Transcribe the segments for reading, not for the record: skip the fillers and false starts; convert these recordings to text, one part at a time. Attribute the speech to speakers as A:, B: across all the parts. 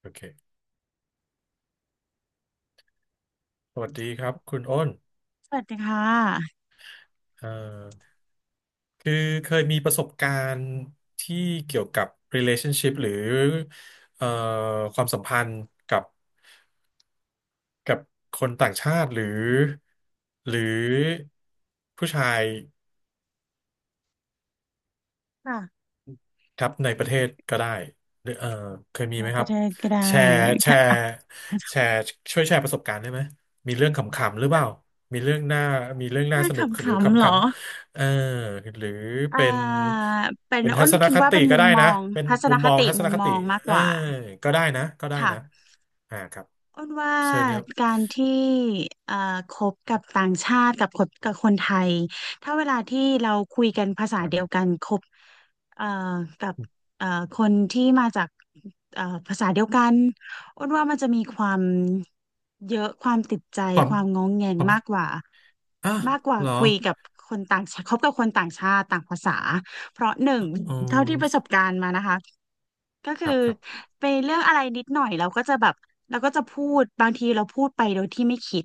A: โอเค สวัสดีครับคุณอ้น
B: สวัสดีค่ะ
A: เอ่อคือเคยมีประสบการณ์ที่เกี่ยวกับ relationship หรือเอ่อความสัมพันธ์กับกับคนต่างชาติหรือผู้ชาย
B: ค่ะ
A: ครับในประเทศก็ได้หรือเคยมี
B: ไป
A: ไหมค
B: ป
A: รั
B: ระ
A: บ
B: เทศก็ได้
A: แชร์แช
B: ค่ะ
A: ร์
B: อ่ะ
A: แชร์ช่วยแชร์ประสบการณ์ได้ไหมมีเรื่องขำๆหรือเปล่ามีเรื่องน่ามีเรื่องน่า
B: น่า
A: ส
B: ข
A: นุกหรือ
B: ำๆ
A: ขำ
B: เหร
A: ขั
B: อ
A: นเออหรือเป็
B: อ่า
A: น
B: เป็น
A: เป็นทั
B: อ้น
A: ศน
B: คิด
A: ค
B: ว่า
A: ติ
B: เป็น
A: ก็
B: มุม
A: ได้
B: ม
A: นะ
B: อง
A: เป็น
B: ทัศ
A: มุ
B: น
A: ม
B: ค
A: มอง
B: ติ
A: ทัศน
B: มุม
A: ค
B: ม
A: ติ
B: องมาก
A: เอ
B: ก
A: อ
B: ว่า
A: ก็ได้นะก็ได้
B: ค่ะ
A: นะอ่าครับ
B: อ้นว่า
A: เชิญครับ
B: การที่เอ่อคบกับต่างชาติกับคนกับคนไทยถ้าเวลาที่เราคุยกันภาษา
A: ฟัง
B: เดีย
A: ไว้
B: วกันคบเอ่อกับเอ่อคนที่มาจากภาษาเดียวกันอ้นว่ามันจะมีความเยอะความติดใจ
A: ความ
B: ความงงแง
A: ค
B: ง
A: วาม
B: มากกว่า
A: อ่ะ
B: มากกว่า
A: เหรอ
B: คุยกับคนต่างชาติคบกับคนต่างชาติต่างภาษาเพราะหนึ่ง
A: อ๋
B: เท่าที่ประ
A: อ
B: สบการณ์มานะคะ ก็
A: ครั
B: คื
A: บ
B: อ
A: ครับ
B: ไปเรื่องอะไรนิดหน่อยเราก็จะแบบเราก็จะพูดบางทีเราพูดไปโดยที่ไม่คิด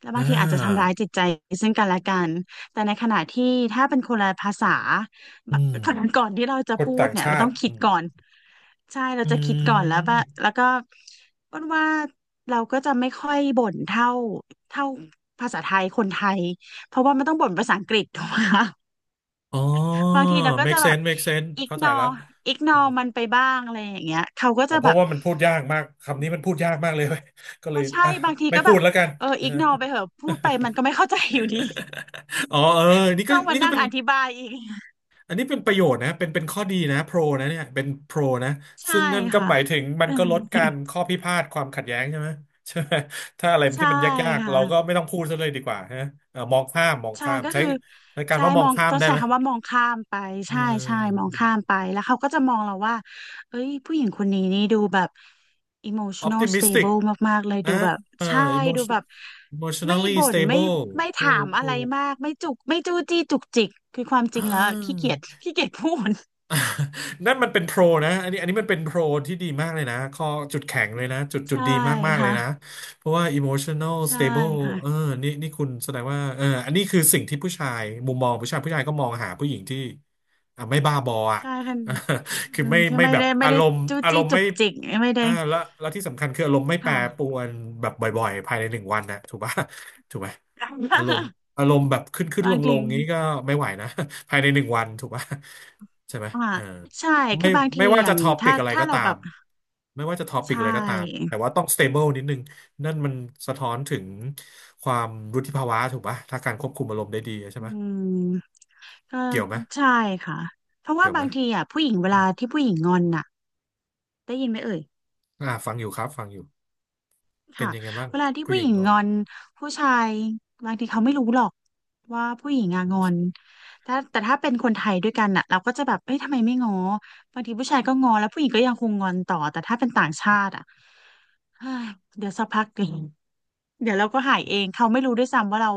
B: แล้ว
A: อ่
B: บางทีอาจจะทำ
A: า
B: ร้ายจิตใจซึ่งกันและกันแต่ในขณะที่ถ้าเป็นคนละภาษา
A: อื
B: บะ
A: ม
B: ก่อนที่เราจะ
A: คน
B: พูด
A: ต่าง
B: เนี่ย
A: ชา
B: เราต้อ
A: ติ
B: งคิ
A: อื
B: ด
A: ม
B: ก่อนใช่เรา
A: อื
B: จะคิดก่อนแล้วว่าแล้
A: ม
B: วก็อ้วนว่าเราก็จะไม่ค่อยบ่นเท่าภาษาไทยคนไทยเพราะว่ามันต้องบ่นภาษาอังกฤษถูกไหมคะ
A: อ๋อ
B: บางทีเราก็จะ
A: make
B: แบบ
A: sense make sense
B: อิก
A: เข้าใจ
B: นอ
A: แล้ว
B: อิกน
A: อ
B: อมัน
A: ม
B: ไปบ้างอะไรอย่างเงี้ยเขาก็
A: อ๋อ
B: จะ
A: เพ
B: แบ
A: ราะ
B: บ
A: ว่ามันพูดยากมากคำนี้มันพูดยากมากเลย เว้ยก็เล
B: อ๋อ
A: ย
B: ใช่
A: อ่ะ
B: บางที
A: ไม่
B: ก็
A: พู
B: แบ
A: ด
B: บ
A: แล้วกัน
B: เอออิ กนอไปเหอะพูดไปมันก็ไม่เข้าใจอยู่ดี
A: อ๋อเออนี่ก็
B: ต้องมา
A: นี่ก็
B: นั่ง
A: เป็น
B: อธิบายอีก
A: อันนี้เป็นประโยชน์นะเป็นข้อดีนะโปรนะเนี่ยเป็นโปรนะ
B: ใช่
A: ซึ่งนั่นก็
B: ค่ะ
A: หมายถึงมันก็ลดการข้อพิพาทความขัดแย้งใช่ไหมใช่ไหมถ้าอะไร ที่
B: ใช่
A: มันยากๆเราก็
B: ค่ะ
A: ไม่ต้องพูดซะเลยดีกว่าฮะเออมองข้ามมอง
B: ใช่
A: ข้าม
B: ก็
A: ใช้
B: คือ
A: ในการ
B: ใช่
A: ว่ามอ
B: ม
A: ง
B: อง
A: ข้าม
B: ต้อง
A: ได้
B: ใช้
A: ไหม
B: คำว่ามองข้ามไป
A: อื
B: ใช่ใช่มองข้าม
A: ม
B: ไปแล้วเขาก็จะมองเราว่าเอ้ยผู้หญิงคนนี้นี่ดูแบบ emotional
A: optimistic
B: stable มากๆเลย
A: อ่า
B: ดูแบบใช่
A: อิมมอ
B: ดู
A: ชั่
B: แบ
A: น
B: บ
A: อิมมอชแน
B: ไม่
A: ลลี่
B: บ่
A: สแต
B: น
A: บิ
B: ไม่
A: ล
B: ไม่
A: ทู
B: ถามอะ
A: ทู
B: ไรมากไม่จุกไม่จู้จี้จุกจิกคือความจริงแล้วขี้เกียจขี้เกียจพูด
A: นั่นมันเป็นโปรนะอันนี้มันเป็นโปรที่ดีมากเลยนะข้อจุดแข็งเลยนะจุด
B: ใช่
A: ดีมากๆเลย
B: ค่ะ
A: นะเพราะว่า emotional
B: ใช่
A: stable
B: ค่ะ
A: เออนี่คุณแสดงว่าอันนี้คือสิ่งที่ผู้ชายมุมมองผู้ชายก็มองหาผู้หญิงที่อ่ะไม่บ้าบออ่ะ
B: ใช่ค่ะ
A: คือ
B: อืม
A: ไม่
B: ที่
A: ไม่
B: ไม่
A: แบบ
B: ได้ไม่
A: อา
B: ได้
A: รมณ์
B: จู้
A: อาร
B: จี้
A: มณ์
B: จุ
A: ไม่
B: กจิกไม่ได้
A: อ่าแล้วที่สำคัญคืออารมณ์ไม่แปร
B: ค่ะ
A: ปรวนแบบบ่อยๆภายในหนึ่งวันนะถูกปะถูกไหมอารมณ์ อารมณ์แบบขึ้นขึ้น
B: บา
A: ล
B: ง
A: งล
B: ที
A: งงี้ก็ไม่ไหวนะ ภายในหนึ่งวันถูกปะ ใช่ไหม
B: อ่า
A: เออ
B: ใช่คื
A: ไม่
B: อบางที
A: ไม่ว่า
B: อย่า
A: จะ
B: ง
A: ทอปิ
B: ถ้า
A: กอะไร
B: ถ้า
A: ก็
B: เรา
A: ตา
B: แบ
A: ม
B: บ
A: ไม่ว่าจะทอปิก
B: ใช่
A: อะไรก็ตาม แต่ว่าต้อง stable นิดนึง นั่นมันสะท้อนถึงความวุฒิภาวะถูกปะถ้าการควบคุมอารมณ์ได้ดีใช่
B: อื
A: ไหม
B: มก็
A: เกี่ยวไหม
B: ใช่ค่ะเพราะว่า
A: เกี่ยวไหม
B: บางทีอ่ะผู้หญิงเวลาที่ผู้หญิงงอนน่ะได้ยินไหมเอ่ย
A: อ่าฟังอยู่ครับฟังอยู่เป็น
B: ค่ะ
A: ยังไงบ้าง
B: เวลาที่
A: ผู้ห
B: ผู้
A: ญิ
B: ห
A: ง
B: ญิง
A: งอ
B: ง
A: น
B: อนผู้ชายบางทีเขาไม่รู้หรอกว่าผู้หญิงอะงอนแต่ถ้าเป็นคนไทยด้วยกันน่ะเราก็จะแบบเอ้ยทำไมไม่ง้อบางทีผู้ชายก็งอแล้วผู้หญิงก็ยังคงงอนต่อแต่ถ้าเป็นต่างชาติอ่ะเฮ้ยเดี๋ยวสักพัก เอง เดี๋ยวเราก็หายเองเขาไม่รู้ด้วยซ้ำว่าเรา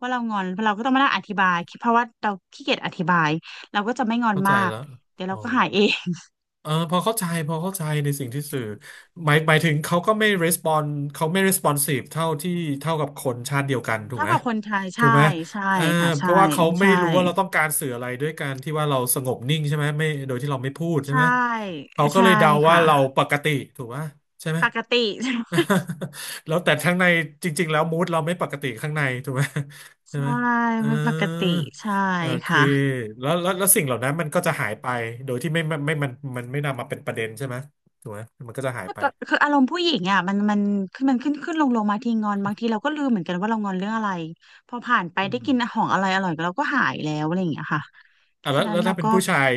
B: งอนเราก็ต้องมานั่งอธิบายเพราะว่าเราขี้เกียจอธิบายเราก็จะไม่งอน
A: เข้าใจ
B: มาก
A: แล้ว
B: เดี๋ยว
A: อ๋
B: เรา
A: อ
B: ก็หายเอง
A: เออพอเข้าใจในสิ่งที่สื่อหมายถึงเขาก็ไม่ respond เขาไม่ responsive เท่าที่เท่ากับคนชาติเดียวกัน ถูก
B: ถ้า
A: ไหม
B: กับคนไทย
A: ถู
B: ใช่
A: กไหม
B: ใช่
A: เออ
B: ค่ะ
A: เพ
B: ใช่
A: ราะว่าเขาไม่
B: ใช่
A: รู้ว่าเราต้องการสื่ออะไรด้วยการที่ว่าเราสงบนิ่งใช่ไหมไม่โดยที่เราไม่พูดใช่
B: ใช่
A: ไหมเขาก็
B: ใช่
A: เลยเดาว่า
B: ค่ะ
A: เราปกติถูกไหมใช่ไหม
B: ปกติ ใช่
A: แล้วแต่ข้างในจริงๆแล้วมูดเราไม่ปกติข้างในถูกไหมใช่
B: ใช่
A: ไหมเออ
B: ไม่ปกติใช่
A: โอเค
B: ค่ะ
A: แล้วสิ่งเหล่านั้นมันก็จะหายไปโดยที่ไม่มันไม่นำมาเป็นประเด็นใช่ไหมถูกไหมมันก็จะหายไป
B: คืออารมณ์ผู้หญิงอ่ะมันขึ้นขึ้นลงลงมาทีงอนบางทีเราก็ลืมเหมือนกันว่าเรางอนเรื่องอะไรพอผ่านไป
A: อื
B: ได้
A: ม
B: กินของอร่อยอร่อยเราก็หายแล้วอะไรอย่างเงี้ยค่ะ
A: อ่ะแล้
B: ฉะ
A: ว
B: นั้
A: แล้
B: น
A: ว
B: เรา
A: ถ้าเป็น
B: ก็
A: ผู้ชาย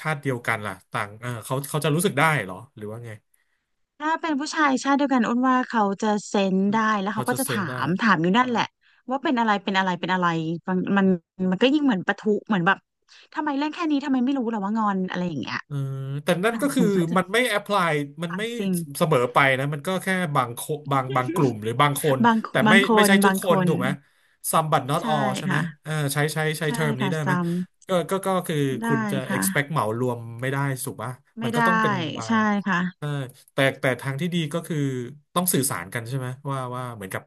A: ชาติเดียวกันล่ะต่างเออเขาจะรู้สึกได้เหรอหรือว่าไง
B: ถ้าเป็นผู้ชายชาติเดียวกันอ้นว่าเขาจะเซนส์ได้แล้ว
A: เขา
B: เขาก็
A: จะ
B: จะ
A: เซน
B: ถา
A: ได้
B: มถามอยู่นั่นแหละว่าเป็นอะไรเป็นอะไรเป็นอะไรมันมันมันก็ยิ่งเหมือนปะทุเหมือนแบบทำไมเล่นแค่นี้ทำไมไม่รู้เหรอว่างอนอะไรอย่างเงี้ย
A: เออแต่นั่น
B: อ่ะ
A: ก็คื
B: ฉั
A: อ
B: นก็จะ
A: มันไม่แอพพลายมัน
B: ตัด
A: ไม่
B: สิ่ง
A: เสมอไปนะมันก็แค่บางโคบางกลุ่มหรือบางคน
B: บาง
A: แต่
B: บา
A: ไม่
B: งค
A: ไม่
B: น
A: ใช่ทุก
B: บาง
A: ค
B: ค
A: น
B: น
A: ถูกไหม Some but not
B: ใช่
A: all ใช่ไหม
B: ค่ะ
A: เออใช้
B: ใช่
A: เทอมนี้
B: ค่ะ
A: ได้ไหม
B: ซ้
A: ก็คือ
B: ำ
A: คุณ
B: ได้
A: จะ
B: ค่ะ
A: expect เหมารวมไม่ได้สุกป่ะมั
B: ไม่
A: นก็
B: ได้
A: ต้องเป็นบา
B: ใช่
A: ง
B: ค่ะ
A: แต่ทางที่ดีก็คือต้องสื่อสารกันใช่ไหมว่าเหมือนกับ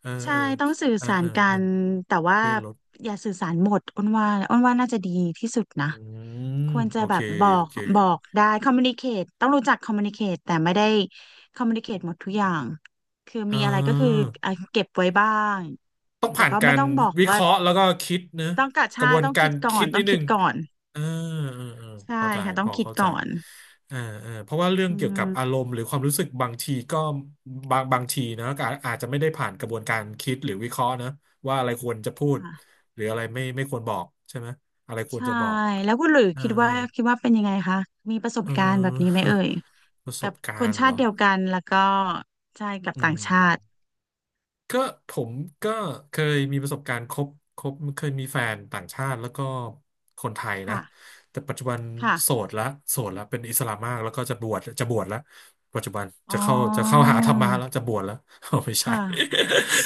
A: เออ
B: ใช่
A: เออ
B: ต้องสื่อ
A: เออ
B: สา
A: เอ
B: ร
A: อ
B: กั
A: เออ
B: นแต่ว่า
A: เพื่อนลด
B: อย่าสื่อสารหมดอ้นว่าน่าจะดีที่สุดนะ
A: อืม
B: ควรจะ
A: โอ
B: แบ
A: เค
B: บบอ
A: โอ
B: ก
A: เค
B: บอกได้คอมมูนิเคตต้องรู้จักคอมมูนิเคตแต่ไม่ได้คอมมูนิเคตหมดทุกอย่างคือ
A: อ่า
B: มีอะไรก็คืออ่ะเก็บไว้บ้าง
A: ต้อง
B: แต่
A: ผ่าน
B: ก็
A: กา
B: ไม่
A: ร
B: ต้องบอก
A: วิเค
B: ว่า
A: ราะห์แล้วก็คิดเนอะ
B: ต้องกะ
A: กระ
B: ใช่
A: บวน
B: ต้อง
A: กา
B: คิ
A: ร
B: ดก่อ
A: คิ
B: น
A: ด
B: ต้
A: นิ
B: อ
A: ด
B: ง
A: นึ
B: คิด
A: ง
B: ก่อน
A: เออเออ
B: ใช่
A: เข้าใจ
B: ค่ะต้
A: พ
B: อง
A: อ
B: คิด
A: เข้าใจ
B: ก่อน
A: เออเพราะว่าเรื่อง
B: อื
A: เกี่ยวกับอาร
B: ม
A: มณ์หรือความรู้สึกบางทีก็บางทีนะก็อาจจะไม่ได้ผ่านกระบวนการคิดหรือวิเคราะห์นะว่าอะไรควรจะพูด
B: ค่ะ
A: หรืออะไรไม่ควรบอกใช่ไหมอะไรควร
B: ใช่
A: จะบอก
B: แล้วคุณหลุย
A: เออ
B: คิด
A: เออ
B: ว่าคิดว่าเป็นยังไงคะมีประส
A: เอ
B: บ
A: อ
B: การณ์แบบนี้ไหมเอ่ย
A: ประส
B: แบ
A: บ
B: บ
A: กา
B: ค
A: ร
B: น
A: ณ์
B: ชา
A: เหร
B: ติ
A: อ
B: เดียวกันแล้วก็ใช่กับ
A: อื
B: ต่างชาติ
A: ม ก็ผมก็เคยมีประสบการณ์คบเคยมีแฟนต่างชาติแล้วก็คนไทยนะ
B: ค่ะ
A: แต่ปัจจุบันโส
B: ค่ะ
A: ดละเป็นอิสลามมากแล้วก็จะบวชละปัจจุบัน
B: อ๋อ
A: จะเข้าหาธรรมะแล้วจะบวชแล้วเอา ไม่ใช่
B: ค่ะ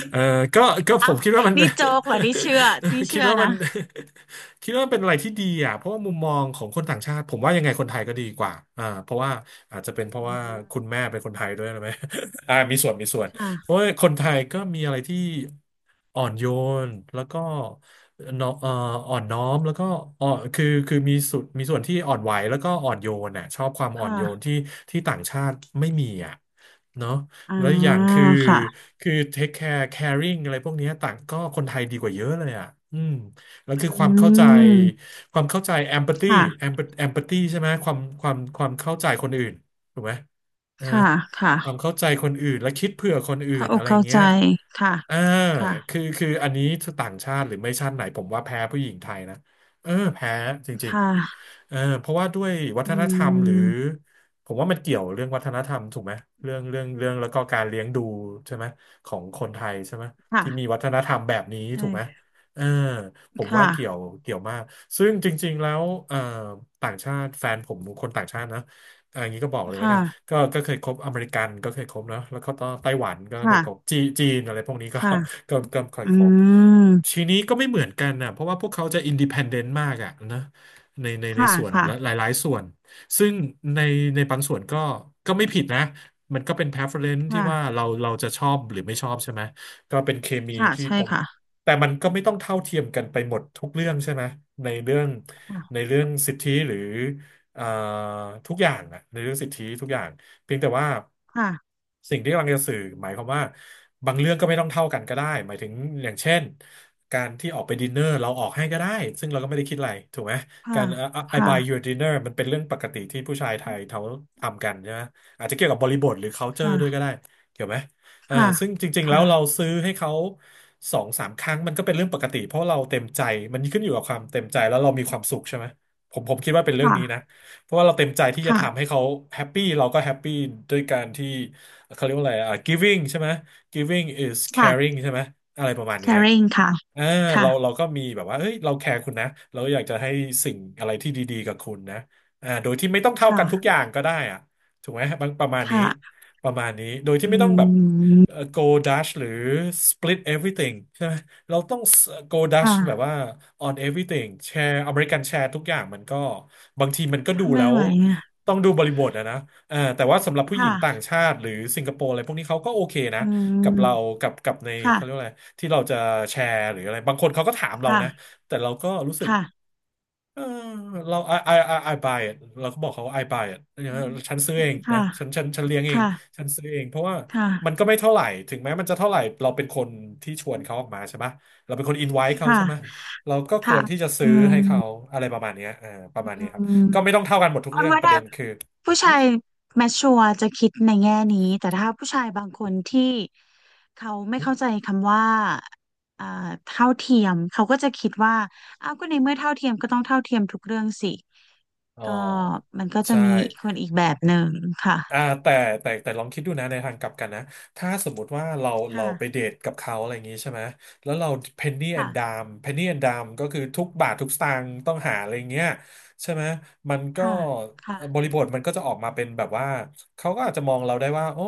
A: เออก็ก็ผ
B: อ้า
A: ม
B: ว
A: คิดว่ามัน
B: นี่โจ๊กเหรอนี่เชื่อนี่
A: คิ
B: เชื่
A: ด
B: อ
A: ว่ามั
B: นะ
A: น คิดว่ามันเป็นอะไรที่ดีอ่ะเพราะว่ามุมมองของคนต่างชาติผมว่ายังไงคนไทยก็ดีกว่าอ่าเพราะว่าอาจจะเป็นเพ
B: อื
A: ราะว่า
B: ม
A: คุณแม่เป็นคนไทยด้วยหรือไหม อ่ามีส่วน เพราะ
B: ค่ะ
A: ว่าคนไทยก็มีอะไรที่อ่อนโยนแล้วก็เนอะอ่อนน้อมแล้วก็อ่อนคือมีสุดมีส่วนที่อ่อนไหวแล้วก็อ่อนโยนน่ะชอบความอ่อ
B: ค่ะ
A: นโยนที่ที่ต่างชาติไม่มีอ่ะเนาะ
B: อ่า
A: แล้วอกอย่างคือ
B: ค่ะ
A: คือ take care caring อะไรพวกเนี้ยต่างก็คนไทยดีกว่าเยอะเลยอ่ะอืมแล้ว
B: อื
A: คือความเข้าใจ
B: ม
A: ความเข้าใจ empathy
B: ค่ะ
A: empathy ใช่ไหมความเข้าใจคนอื่นถูกไหมนะ
B: ค่ะค่ะ
A: ความเข้าใจคนอื่นและคิดเผื่อคนอื่
B: เข้า
A: น
B: อ
A: อะ
B: ก
A: ไร
B: เข้า
A: เงี้
B: ใจ
A: ย
B: ค่ะ
A: อ่า
B: ค่ะ
A: คืออันนี้ต่างชาติหรือไม่ชาติไหนผมว่าแพ้ผู้หญิงไทยนะเออแพ้จ
B: ค
A: ริง
B: ่ะ
A: ๆเออเพราะว่าด้วยวั
B: อื
A: ฒนธรรมหรือ
B: ม
A: ผมว่ามันเกี่ยวเรื่องวัฒนธรรมถูกไหมเรื่องแล้วก็การเลี้ยงดูใช่ไหมของคนไทยใช่ไหม
B: ค่ะ
A: ที่มีวัฒนธรรมแบบนี้ถูกไหม
B: ใช่
A: เออผมว่าเกี่ยว
B: ค่ะ
A: เกี่ยวมากซึ่งจริงๆ แล้วต่างชาติแฟนผมคนต่างชาตินะอะอย่างนี้ก็บอกเลยแล้ว
B: ค่ะ
A: กัน ก็เคยคบอเมริกันก็เคยคบเนอะแล้วก็ไต้หวันก็เค
B: ค่ะ
A: ยคบจีจีนอะไรพวกนี้ก็
B: ค่ะ
A: ก็เคย
B: อื
A: คบ
B: ม
A: ทีนี้ก็ไม่เหมือนกันนะเพราะว่าพวกเขาจะอินดิเพ n เดนต์มากอะนะใน
B: ค่ะ
A: ส่วน
B: ค่ะ
A: และหลายๆส่วนซึ่งในในบางส่วนก็ไม่ผิดนะมันก็เป็น preference ที่
B: ค่ะ
A: ว่าเราจะชอบหรือไม่ชอบใช่ไหมก็เป็นเคมี
B: ค่ะ
A: ที่
B: ใช่
A: ตรง
B: ค่ะ
A: แต่มันก็ไม่ต้องเท่าเทียมกันไปหมดทุกเรื่องใช่ไหมในเรื่องใน
B: ค่ะ
A: เรื่องสิทธิหรือ เอ่อทุกอย่างนะในเรื่องสิทธิทุกอย่างเพียงแต่ว่า
B: ค่ะ
A: สิ่งที่กำลังจะสื่อหมายความว่าบางเรื่องก็ไม่ต้องเท่ากันก็ได้หมายถึงอย่างเช่นการที่ออกไปดินเนอร์เราออกให้ก็ได้ซึ่งเราก็ไม่ได้คิดอะไรถูกไหมกา
B: ค่ะ
A: รI
B: ค่ะ
A: buy you a dinner มันเป็นเรื่องปกติที่ผู้ชายไทยเขาทำกันใช่ไหมอาจจะเกี่ยวกับบริบทหรือ culture ด้วย
B: ค่ะ
A: ก็ได้เกี่ยวไหมเออ
B: ค่ะ
A: ซึ่งจริงๆแล้วเรา
B: ค่ะ
A: ซื้อให้เขาสองสามครั้งมันก็เป็นเรื่องปกติเพราะเราเต็มใจมันขึ้นอยู่กับความเต็มใจแล้วเรามีความสุขใช่ไหมผมคิดว่าเป็นเรื่อง
B: ค่ะ
A: นี้นะ เพราะว่าเราเต็มใจที่จะ
B: ค่ะ
A: ทำให้เขาแฮปปี้เราก็แฮปปี้ด้วยการที่เขาเรียกว่าอะไรอ่ะ giving ใช่ไหม giving is
B: ค่ะ
A: caring ใช่ไหมอะไรประมาณเนี้ย
B: caring ค่ะ
A: อ่า
B: ค่ะ
A: เราก็มีแบบว่าเฮ้ยเราแคร์คุณนะเราอยากจะให้สิ่งอะไรที่ดีๆกับคุณนะอ่าโดยที่ไม่ต้องเท่ากันทุก
B: ค่ะ
A: อย่างก็ได้อ่ะถูกไหมบางประมาณ
B: ค
A: นี้
B: ่ะ
A: ประมาณนี้โดยที่
B: อื
A: ไม่ต้องแบบ
B: ม
A: go dash หรือ split everything ใช่ไหม เราต้อง go Dutch แบบ
B: ค่ะ
A: ว่า on everything แชร์อเมริกันแชร์ทุกอย่างมันก็บางทีมันก็ดูแล้
B: ไม่
A: ว
B: ไหวอ่ะ
A: ต้องดูบริบทอะนะเออแต่ว่าสำหรับผู้หญิงต่าง
B: ค่ะ
A: ชาติหรือสิงคโปร์อะไรพวกนี้เขาก็โอเคนะ
B: อื
A: กับเรา
B: ม
A: กับใน
B: ค่ะ
A: เขาเรียกว่าอะไรที่เราจะแชร์หรืออะไรบางคนเขาก็ถามเรานะ
B: ค่ะ
A: แต่เราก็รู้สึก
B: ค่ะ
A: เออเรา I buy it เราก็บอกเขาว่า I buy it ฉันซื้อเองนะ
B: ค่ะ
A: ฉันเลี้ยงเอง
B: ค่ะ
A: ฉันซื้อเอง เพราะว่ามัน
B: ค่ะ
A: ก็ไม่เท่าไหร่ ถึงแม้มันจะเท่าไหร่เราเป็นคนที่ชวนเขาออกมาใช่ไหมเราเป็นคนอินไว e เขา
B: ค่ะ
A: ใช่ไหม เราก็ค
B: ค่ะ
A: วรที่จะซื้
B: อื
A: อให้เขาอะไรประมาณเนี้ยเออประมาณนี้ครับ
B: ม
A: ก็ไม่ต้องเท่ากันหมดทุก
B: ค
A: เรื่
B: น
A: อง
B: ว่า
A: ประเด็
B: ถ้า
A: นคือ
B: ผู้
A: หึ
B: ชายแมชชัวรจะคิดในแง่นี้แต่ถ้าผู้ชายบางคนที่เขาไม่
A: หึ
B: เข้าใจคำว่าอ่าเท่าเทียมเขาก็จะคิดว่าอ้าวก็ในเมื่อเท่าเทียมก็ต้องเท่าเทียมทุกเรื่องสิ
A: อ๋อ
B: ก็มันก็จะ
A: ใช่
B: มีอีกคนอีกแบบหนึ่งค่ะ
A: อ่าแต่แต่ลองคิดดูนะในทางกลับกันนะถ้าสมมุติว่าเราไปเด
B: ค่ะ
A: ทกับเขาอะไรอย่างงี้ใช่ไหมแล้วเรา
B: ค่ะ
A: penny and dime ก็คือทุกบาททุกสตางค์ต้องหาอะไรอย่างเงี้ยใช่ไหมมันก็
B: ค่ะค่ะ
A: บริบทมันก็จะออกมาเป็นแบบว่าเขาก็อาจจะมองเราได้ว่าโอ้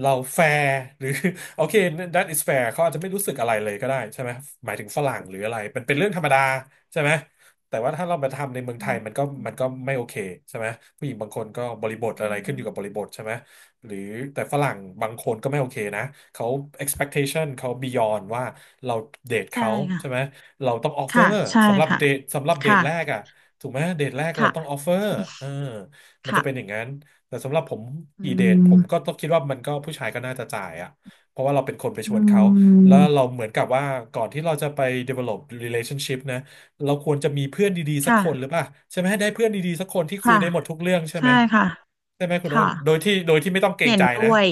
A: เราแฟร์หรือ โอเค that is fair เขาอาจจะไม่รู้สึกอะไรเลยก็ได้ใช่ไหมหมายถึงฝรั่งหรืออะไรเป็นเรื่องธรรมดาใช่ไหม แต่ว่าถ้าเรามาทำในเมือง
B: อื
A: ไทยมัน
B: ม
A: ก็มันก็ไม่โอเคใช่ไหมผู้หญิงบางคนก็บริบทอะไร
B: อื
A: ขึ้นอยู่กับบ
B: ม
A: ริบทใช่ไหมหรือแต่ฝรั่งบางคนก็ไม่โอเคนะเขา expectation เขา beyond ว่าเราเดท
B: ใช่
A: เขาใช่ไหม
B: ค่ะ
A: เราต้อง
B: ค่ะ
A: offer
B: ใช่
A: สำหรับ
B: ค่ะ
A: เดทแรก
B: ค่ะ
A: อ่ะถูกไหมเดทแรกเรา
B: ค่ะ
A: ต้อง offer เออมันจะ
B: ค่ะ
A: เป็นอย่างนั้นแต่สำหรับผม
B: อื
A: กีเดทผ
B: ม
A: มก็ต้องคิดว่ามันก็ผู้ชายก็น่าจะจ่ายอ่ะเพราะว่าเราเป็นคนไปชว
B: อื
A: นเขาแล้วเรา
B: ม
A: เหมือนกับว่าก่อนที่เราจะไป develop relationship นะ เราควรจะมีเพื่อนดีๆสัก
B: ค่ะ
A: คนหรือเปล่าใช่ไหมให้ได้เพื่อนดีๆสักคนที่คุย
B: ค่ะ
A: ได้หมดทุกเรื่องใช่
B: ใช่
A: ไหม
B: ค่ะ
A: ใช่ไหมคุณโอ
B: ค่ะ
A: นโดยที่ไม่ต้องเกรง
B: เห็น
A: ใจนะ
B: ด้วย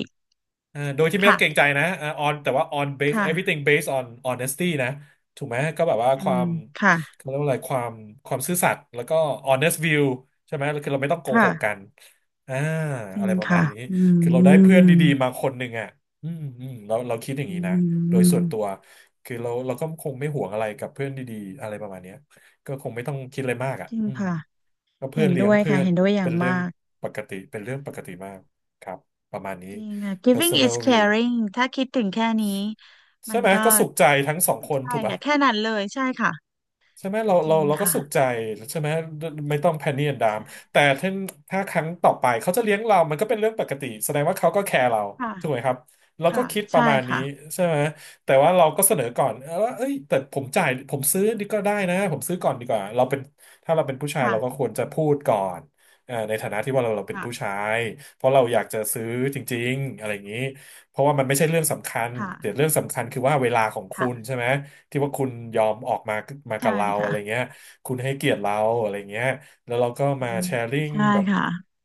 A: โดยที่ไม่ต้องเกรงใจ
B: ค่ะ
A: นะon แต่ว่า on base
B: ค่ะ
A: everything based on honesty นะถูกไหมก็แบบว่า
B: อื
A: ควา
B: ม
A: ม
B: ค่ะ
A: เขาเรียกว่าอะไรความความซื่อสัตย์แล้วก็ honest view ใช่ไหมคือเราไม่ต้องโกห
B: ค่ะ
A: กกันอ่า
B: จริ
A: อะไร
B: ง
A: ประมาณ
B: ค่ะ
A: นี้
B: อื
A: คือเราได้เพื่อน
B: ม
A: ดีๆมาคนหนึ่งอ่ะเราคิดอย่าง
B: อื
A: นี้นะโดยส่วนตัว
B: ม
A: คือเราก็คงไม่ห่วงอะไรกับเพื่อนดีๆอะไรประมาณเนี้ยก็คงไม่ต้องคิดอะไรมากอ่ะ
B: จริง
A: อืม
B: ค่ะ
A: ก็เพื่
B: เห็
A: อน
B: น
A: เลี้ย
B: ด้
A: ง
B: วย
A: เพื่
B: ค่ะ
A: อน
B: เห็นด้วยอ
A: เป็
B: ย่าง
A: นเรื่อง
B: มาก
A: ปกติเป็นเรื่องปกติมากครับประมาณนี้
B: จริงค่ะ giving
A: personal
B: is
A: view
B: caring ถ้าคิดถึงแค่นี้
A: ใช่
B: มัน
A: ไหม
B: ก็
A: ก็สุขใจทั้งสองคน
B: ใช่
A: ถูกปะ
B: ค่ะแค่นั้นเลยใช่ค่ะ
A: ใช่ไหมเรา
B: จริ
A: เรา
B: ง
A: เราก็
B: ค่ะ
A: สุขใจใช่ไหมไม่ต้องแพนนี่แอนดาม
B: ใช่
A: แต่ถ้าถ้าครั้งต่อไปเขาจะเลี้ยงเรามันก็เป็นเรื่องปกติแสดงว่าเขาก็แคร์เรา
B: ค่ะ
A: ถูกไหมครับเราก็
B: ค่ะ
A: คิดป
B: ใช่
A: ระมาณนี้
B: ค่ะ
A: ใช่ไหมแต่ว่าเราก็เสนอก่อนเออว่าเอ้ยแต่ผมจ่ายผมซื้อดีก็ได้นะผมซื้อก่อนดีกว่าเราเป็นถ้าเราเป็นผู้ชาย
B: ค่ะ
A: เราก็ควรจะพูดก่อนในฐานะที่ว่าเราเป็นผู้ชา
B: ค่ะ
A: ยเพราะเราอยากจะซื้อจริงๆอะไรอย่างนี้ เพราะว่ามันไม่ใช่เรื่องสำคัญแต่
B: ค่ะ
A: เรื่องสำคัญคือว่าเวลาของคุณ
B: ค่ะ
A: ใช่ไหมที่ว่าคุณยอมออกมามากั
B: ใช่
A: บเราอะ
B: ค่ะ
A: ไรเงี้ยคุณให้เกียรติเราอะไรเงี้ยแล้วเราก็
B: อื
A: มา
B: ม
A: แชร์ริ่ง
B: ใช่
A: แบบ
B: ค่ะ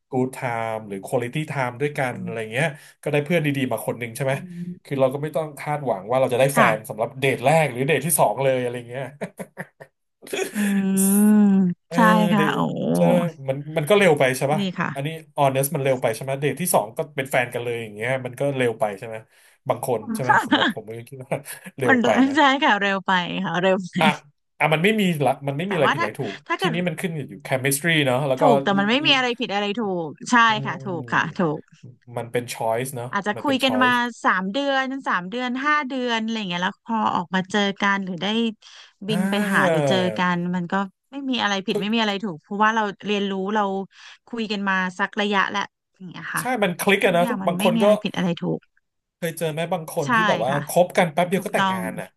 A: good time หรือ quality time ด้วยกัน
B: อื
A: อะไร
B: ม
A: เงี้ยก็ได้เพื่อนดีๆมาคนหนึ่งใช่ไหม
B: อื
A: คือ
B: ม
A: เราก็ไม่ต้องคาดหวังว่าเราจะได้แฟ
B: ค่ะ
A: นสำหรับเดทแรกหรือเดทที่สองเลยอะไรเงี้ย
B: อืม
A: เออ
B: ใช่
A: เด
B: ค่ะโอ้
A: ทจะมันก็เร็วไปใช่ปะ
B: ดีค่ะ
A: อันนี้ honest มันเร็วไปใช่ไหมเดทที่สองก็เป็นแฟนกันเลยอย่างเงี้ยมันก็เร็วไปใช่ไหมบางคนใช่ไหมสำหรับผ มก็คิดว่า เร็
B: มั
A: ว
B: น
A: ไปนะ
B: ใช่ค่ะเร็วไปค่ะเร็วไป
A: อ่ะอ่ะมันไม่มีละมันไม่มี
B: แต่
A: อะไร
B: ว่า
A: ผิดอะ
B: ถ้า
A: ไรถูก
B: ถ้า
A: ที
B: เกิด
A: นี้มันขึ้นอยู่ chemistry เนาะแล้วก็
B: ถูกแต่มันไม่มีอะไรผิดอะไรถูกใช่
A: อื
B: ค่ะถูกค่ะ
A: ม
B: ถูก
A: มันเป็น choice เนาะ
B: อาจจะ
A: มัน
B: คุ
A: เป็น
B: ยกันมา
A: choice
B: 3 เดือน 5 เดือนอะไรอย่างเงี้ยแล้วพอออกมาเจอกันหรือได้บิ
A: อ่
B: นไปหาห
A: า
B: รือเจอกันมันก็ไม่มีอะไรผิด
A: ทุก
B: ไม่มีอะไรถูกเพราะว่าเราเรียนรู้เราคุยกันมาสักระยะแล้วอย่างเงี้ยค่ะ
A: ใช่มันคลิกอะ
B: ทุก
A: นะ
B: อย่า
A: ทุ
B: ง
A: ก
B: มัน
A: บางค
B: ไม่
A: น
B: มี
A: ก็
B: อะไรผิดอะไรถูก
A: เคยเจอไหมบางคน
B: ใช่
A: ที่แบบว่า
B: ค่ะ
A: คบกันแป๊บเดีย
B: ถู
A: ว
B: ก
A: ก็แต่
B: ต้
A: ง
B: อง
A: งานอะ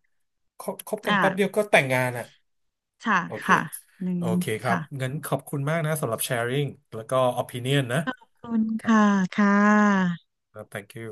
A: คบกัน
B: อ่า
A: แป๊บเดียวก็แต่งงานอะ
B: ค่ะ
A: โอเค
B: ค่ะ หนึ่
A: โอ
B: ง
A: เคครับงั้
B: ค่ะ
A: นขอบคุณมากนะสำหรับ sharing แล้วก็ opinion นะ
B: ขอบคุณ
A: ครับ
B: ค่ะ ค่ะ
A: แล้ว thank you